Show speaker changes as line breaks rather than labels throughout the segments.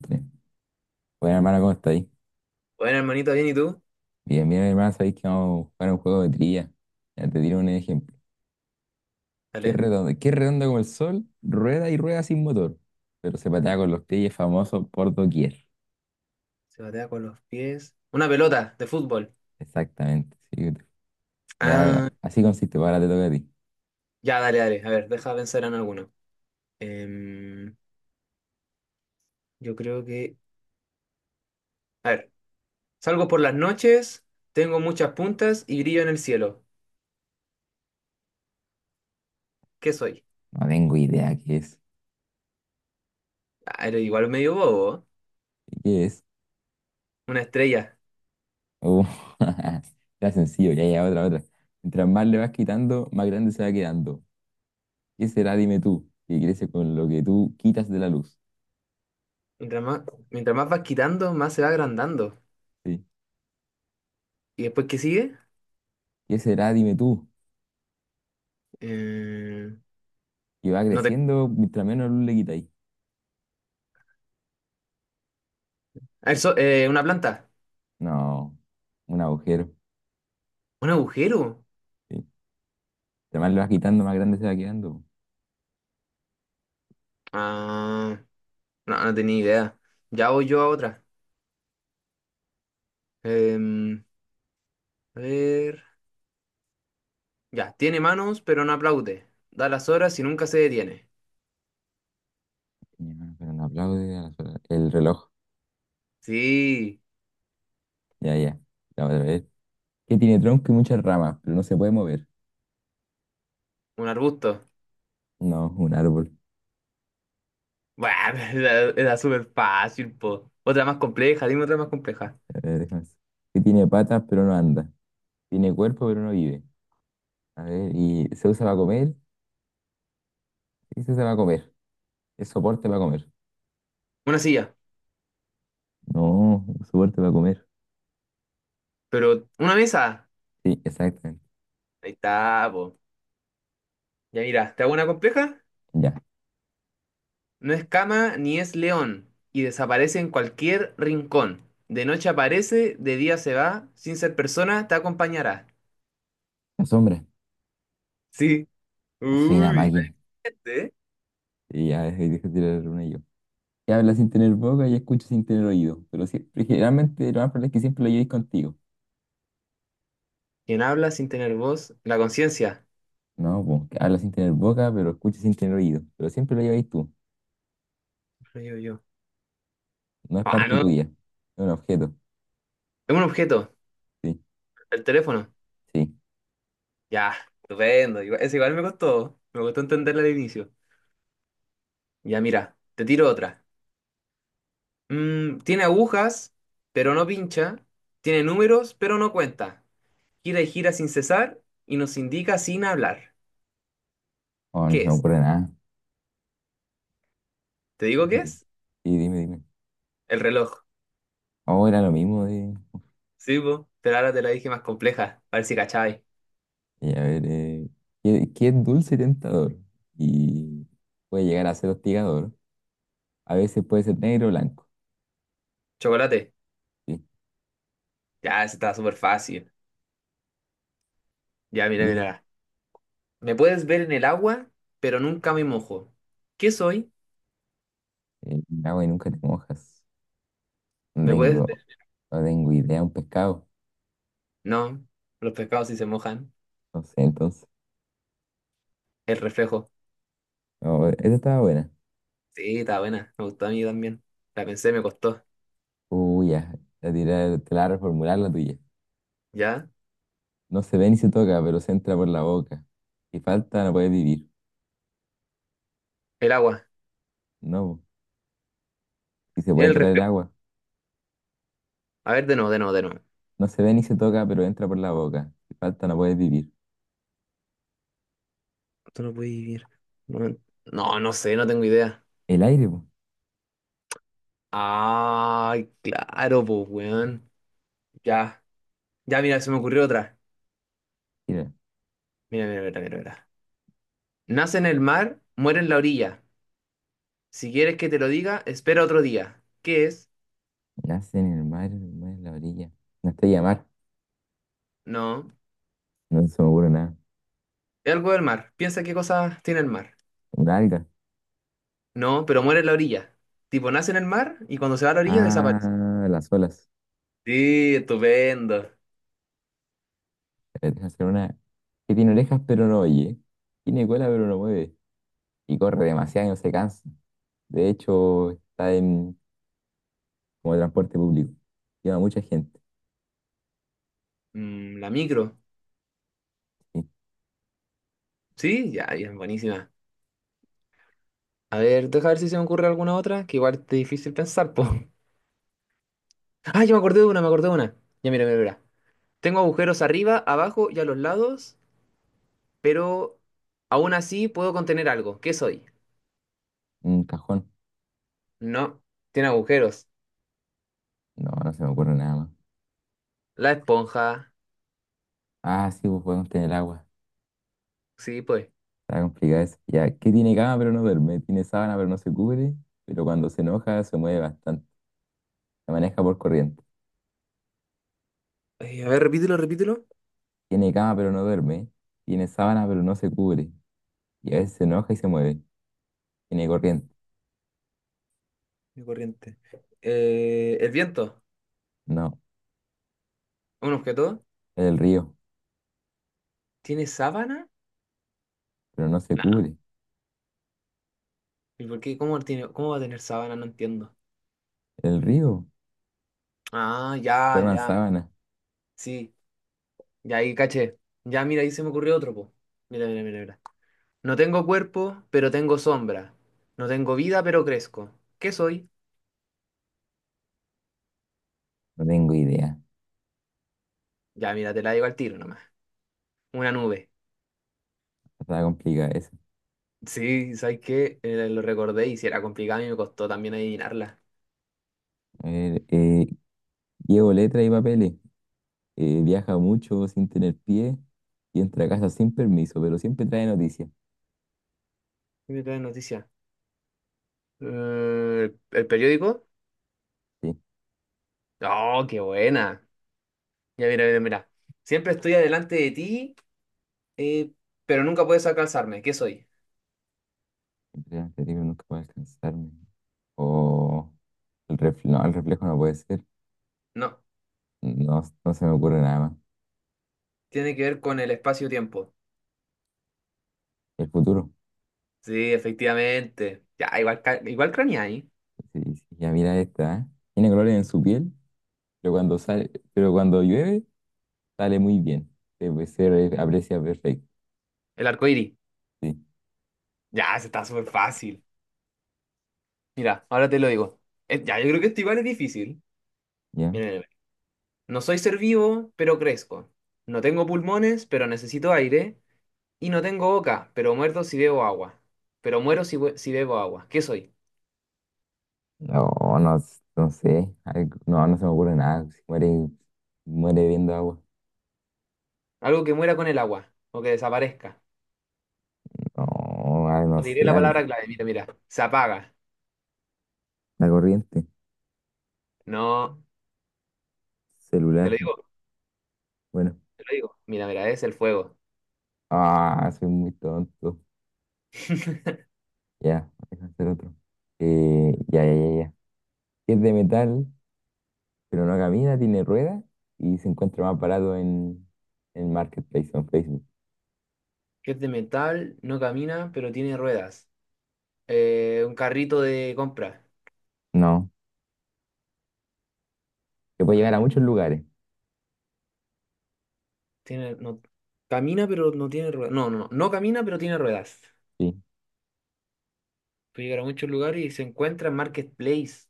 Tres. Bueno, hermano, ¿cómo estáis?
Bueno, hermanito, bien, ¿y tú?
Bien, bien, hermano, sabéis que vamos a jugar un juego de trivia. Ya te tiro un ejemplo. ¿Qué es
Dale.
redondo? ¿Qué es redondo como el sol? Rueda y rueda sin motor. Pero se patea con los pies y es famoso por doquier.
Se batea con los pies. Una pelota de fútbol.
Exactamente, sí. Ya,
Ah,
así consiste. Ahora te toca a ti.
ya, dale, dale. A ver, deja pensar en alguno. Em, yo creo que. A ver, salgo por las noches, tengo muchas puntas y brillo en el cielo. ¿Qué soy?
No tengo idea qué es.
Ah, eres igual medio bobo, ¿eh?
¿Qué es?
Una estrella.
Uh, está sencillo. Ya, otra, otra. Mientras más le vas quitando, más grande se va quedando. ¿Qué será? Dime tú. Que crece con lo que tú quitas de la luz.
Mientras más, mientras más vas quitando, más se va agrandando.
Sí.
¿Y después qué sigue?
¿Qué será? Dime tú.
Em,
Y va
no te...
creciendo mientras menos luz le quitáis.
Ah, una planta.
No, un agujero.
¿Un agujero?
Sí. Entre más lo vas quitando, más grande se va quedando.
Ah, no, no tenía idea. Ya voy yo a otra. Em, a ver. Ya, tiene manos, pero no aplaude. Da las horas y nunca se detiene.
Mi hermano, pero no aplaude el reloj.
Sí,
Ya, ya. La otra vez. Que tiene tronco y muchas ramas, pero no se puede mover.
un arbusto.
No, un árbol.
Bueno, era súper fácil, po. Otra más compleja, dime otra más compleja.
A ver, déjame ver. Que tiene patas, pero no anda. Tiene cuerpo, pero no vive. A ver, y se usa para comer. Sí, se usa para comer. Es soporte para comer.
Una silla,
No, soporte para comer.
pero una mesa.
Sí, exactamente.
Ahí está, po. Ya mira, ¿te hago una compleja?
Ya.
No es cama ni es león y desaparece en cualquier rincón. De noche aparece, de día se va, sin ser persona te acompañará.
La sombra.
Sí.
Soy una
Uy,
máquina.
¿eh?
Y ya, ahí dejé de tirar una yo. Que habla sin tener boca y escucha sin tener oído. Pero siempre, generalmente lo más probable es que siempre lo llevéis contigo.
Quien habla sin tener voz, la conciencia.
No, po, que habla sin tener boca, pero escucha sin tener oído. Pero siempre lo lleváis tú.
Yo.
No es
Ah,
parte
no,
tuya. Es un objeto.
es un objeto,
Sí,
el teléfono.
sí.
Ya, estupendo. Igual, ese igual me costó entenderla al inicio. Ya, mira, te tiro otra. Mm, tiene agujas, pero no pincha. Tiene números, pero no cuenta. Gira y gira sin cesar y nos indica sin hablar.
Oh, no se
¿Qué
me
es?
ocurre nada.
¿Te
¿Qué
digo qué
sería? Sí,
es?
sí, dime, dime.
El reloj.
Oh, era lo mismo de.
Sí, po, pero ahora te la dije más compleja. A ver si cachai.
A ver, ¿qué, qué es dulce y tentador? Y puede llegar a ser hostigador. A veces puede ser negro o blanco.
Chocolate.
Sí.
Ya, ese está súper fácil. Ya,
¿Qué
mira,
tiene?
mira. Me puedes ver en el agua, pero nunca me mojo. ¿Qué soy?
Agua y nunca te mojas. No
¿Me puedes ver?
tengo, no tengo idea. Un pescado.
No, los pescados sí se mojan.
No sé, entonces.
El reflejo.
No, esa estaba buena.
Sí, está buena. Me gustó a mí también. La pensé, me costó.
Uy, ya. La tirar, te la voy a reformular la tuya.
¿Ya?
No se ve ni se toca, pero se entra por la boca. Si falta, no puede vivir.
El agua.
No, si se puede
El
tocar el
reflejo.
agua.
A ver, de nuevo, de nuevo, de nuevo.
No se ve ni se toca, pero entra por la boca. Si falta, no puede vivir.
Tú no puedes vivir. No, no, no sé, no tengo idea.
El aire, pues.
Ay, claro, pues, weón. Ya. Ya, mira, se me ocurrió otra.
Mira,
Mira, mira, mira, mira, mira. Nace en el mar, muere en la orilla. Si quieres que te lo diga, espera otro día. ¿Qué es?
nace en el mar en la orilla. Una estrella de mar.
No.
No se me ocurre nada.
Es algo del mar. Piensa qué cosas tiene el mar.
Una alga.
No, pero muere en la orilla. Tipo, nace en el mar y cuando se va a la orilla desaparece.
Ah, las olas.
Sí, estupendo.
Deja hacer una que tiene orejas, pero no oye. Tiene cola, pero no mueve. Y corre demasiado y no se cansa. De hecho, está en como transporte público. Lleva mucha gente.
Mm, la micro.
Sí.
Sí, ya, ya, buenísima. A ver, deja ver si se me ocurre alguna otra, que igual es difícil pensar, po. Ah, yo me acordé de una, me acordé de una. Ya, mira, mira, mira. Tengo agujeros arriba, abajo y a los lados, pero aún así puedo contener algo. ¿Qué soy?
Un cajón.
No, tiene agujeros.
No, no se me ocurre nada más.
La esponja.
Ah, sí, pues podemos tener agua.
Sí, pues.
Está complicado eso. Ya, que tiene cama pero no duerme. Tiene sábana pero no se cubre. Pero cuando se enoja se mueve bastante. Se maneja por corriente.
Ay, a ver, repítelo, repítelo.
Tiene cama pero no duerme. Tiene sábana pero no se cubre. Y a veces se enoja y se mueve. Tiene corriente.
Mi corriente. El viento.
No,
Un objeto.
es el río.
¿Tiene sábana?
Pero no se
Nah.
cubre.
¿Y por qué? ¿Cómo tiene, cómo va a tener sábana? No entiendo.
El río.
Ah, ya,
Forman
ya.
sábana.
Sí. Ya ahí caché. Ya, mira, ahí se me ocurrió otro, po. Mira, mira, mira, mira. No tengo cuerpo, pero tengo sombra. No tengo vida, pero crezco. ¿Qué soy?
No tengo idea.
Ya, mira, te la digo al tiro nomás. Una nube.
Está complicado eso.
Sí, ¿sabes qué? Lo recordé y si era complicado y me costó también adivinarla.
A ver, llevo letras y papeles. Viaja mucho sin tener pie y entra a casa sin permiso, pero siempre trae noticias.
¿Qué me trae noticia? ¿El periódico?
Sí,
Oh, qué buena. Ya, mira, mira, mira. Siempre estoy adelante de ti, eh, pero nunca puedes alcanzarme. ¿Qué soy?
siempre trae noticias, nunca va a alcanzarme. O el reflejo no puede ser.
No,
No, no se me ocurre nada más.
tiene que ver con el espacio-tiempo.
El futuro.
Sí, efectivamente. Ya, igual, igual craneé ahí.
Sí, sí, ya mira esta, ¿eh? Tiene colores en su piel, pero cuando sale, pero cuando llueve, sale muy bien. Se, aprecia perfecto.
El arco iris.
Sí,
Ya, se está súper fácil. Mira, ahora te lo digo. Ya, yo creo que esto igual es difícil.
¿ya?
Mira, mira, mira. No soy ser vivo, pero crezco. No tengo pulmones, pero necesito aire. Y no tengo boca, pero muerto si bebo agua. Pero muero si, bu- si bebo agua. ¿Qué soy?
No, no, no sé. No, no se me ocurre nada. Si muere, muere viendo agua.
Algo que muera con el agua o que desaparezca.
No, ah no
Te diré
sé,
la
algo.
palabra clave, mira, mira. Se apaga.
La corriente,
No, te
celular.
lo digo,
Bueno,
te lo digo. Mira, mira, es el fuego.
ah, soy muy tonto. Ya, deja hacer otro. Eh, ya, ya, ya, ya. Es de metal, pero no camina, tiene ruedas y se encuentra más barato en Marketplace o en Facebook.
Que es de metal, no camina, pero tiene ruedas. Un carrito de compra.
No, se
Un
puede llevar
ca-
a muchos lugares.
tiene, no, camina, pero no tiene ruedas. No, no, no. No camina, pero tiene ruedas.
Sí,
Puede llegar a muchos lugares y se encuentra en Marketplace.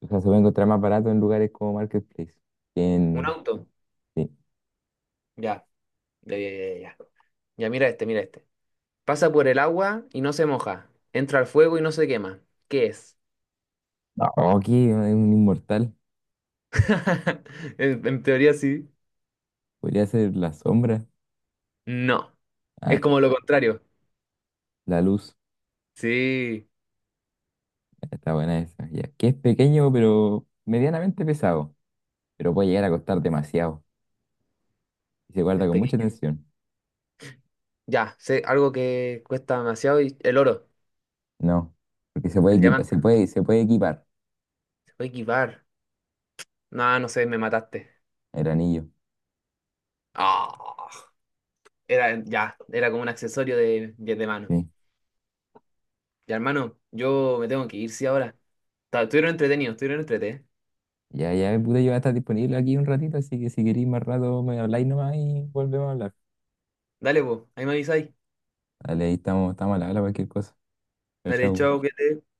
o sea, se puede encontrar más barato en lugares como Marketplace que
Un
en.
auto.
Sí.
Ya, ya, ya, ya. Ya, ya, mira este, mira este. Pasa por el agua y no se moja. Entra al fuego y no se quema. ¿Qué es?
No, aquí es un inmortal.
En teoría sí.
Podría ser la sombra,
No,
ah,
es como lo contrario.
la luz.
Sí,
Está buena esa. Ya. Que es pequeño, pero medianamente pesado. Pero puede llegar a costar demasiado. Y se
es
guarda con mucha
pequeño.
tensión.
Ya, sé algo que cuesta demasiado y el oro,
No. Porque se puede
el
equipar,
diamante.
se puede equipar
Se puede equipar. No, no sé, me mataste.
el anillo.
Ah, era como un accesorio de, de mano.
Sí.
Ya, hermano, yo me tengo que ir, sí, ahora. Estuvieron entretenidos, estuvieron entretenidos.
Ya, ya, pude yo voy a estar disponible aquí un ratito, así que si queréis más rato me habláis nomás y volvemos a hablar.
Dale, pues, ahí me avisáis.
Dale, ahí estamos, estamos a la hora cualquier cosa. Chao,
Dale,
chao.
chao, que te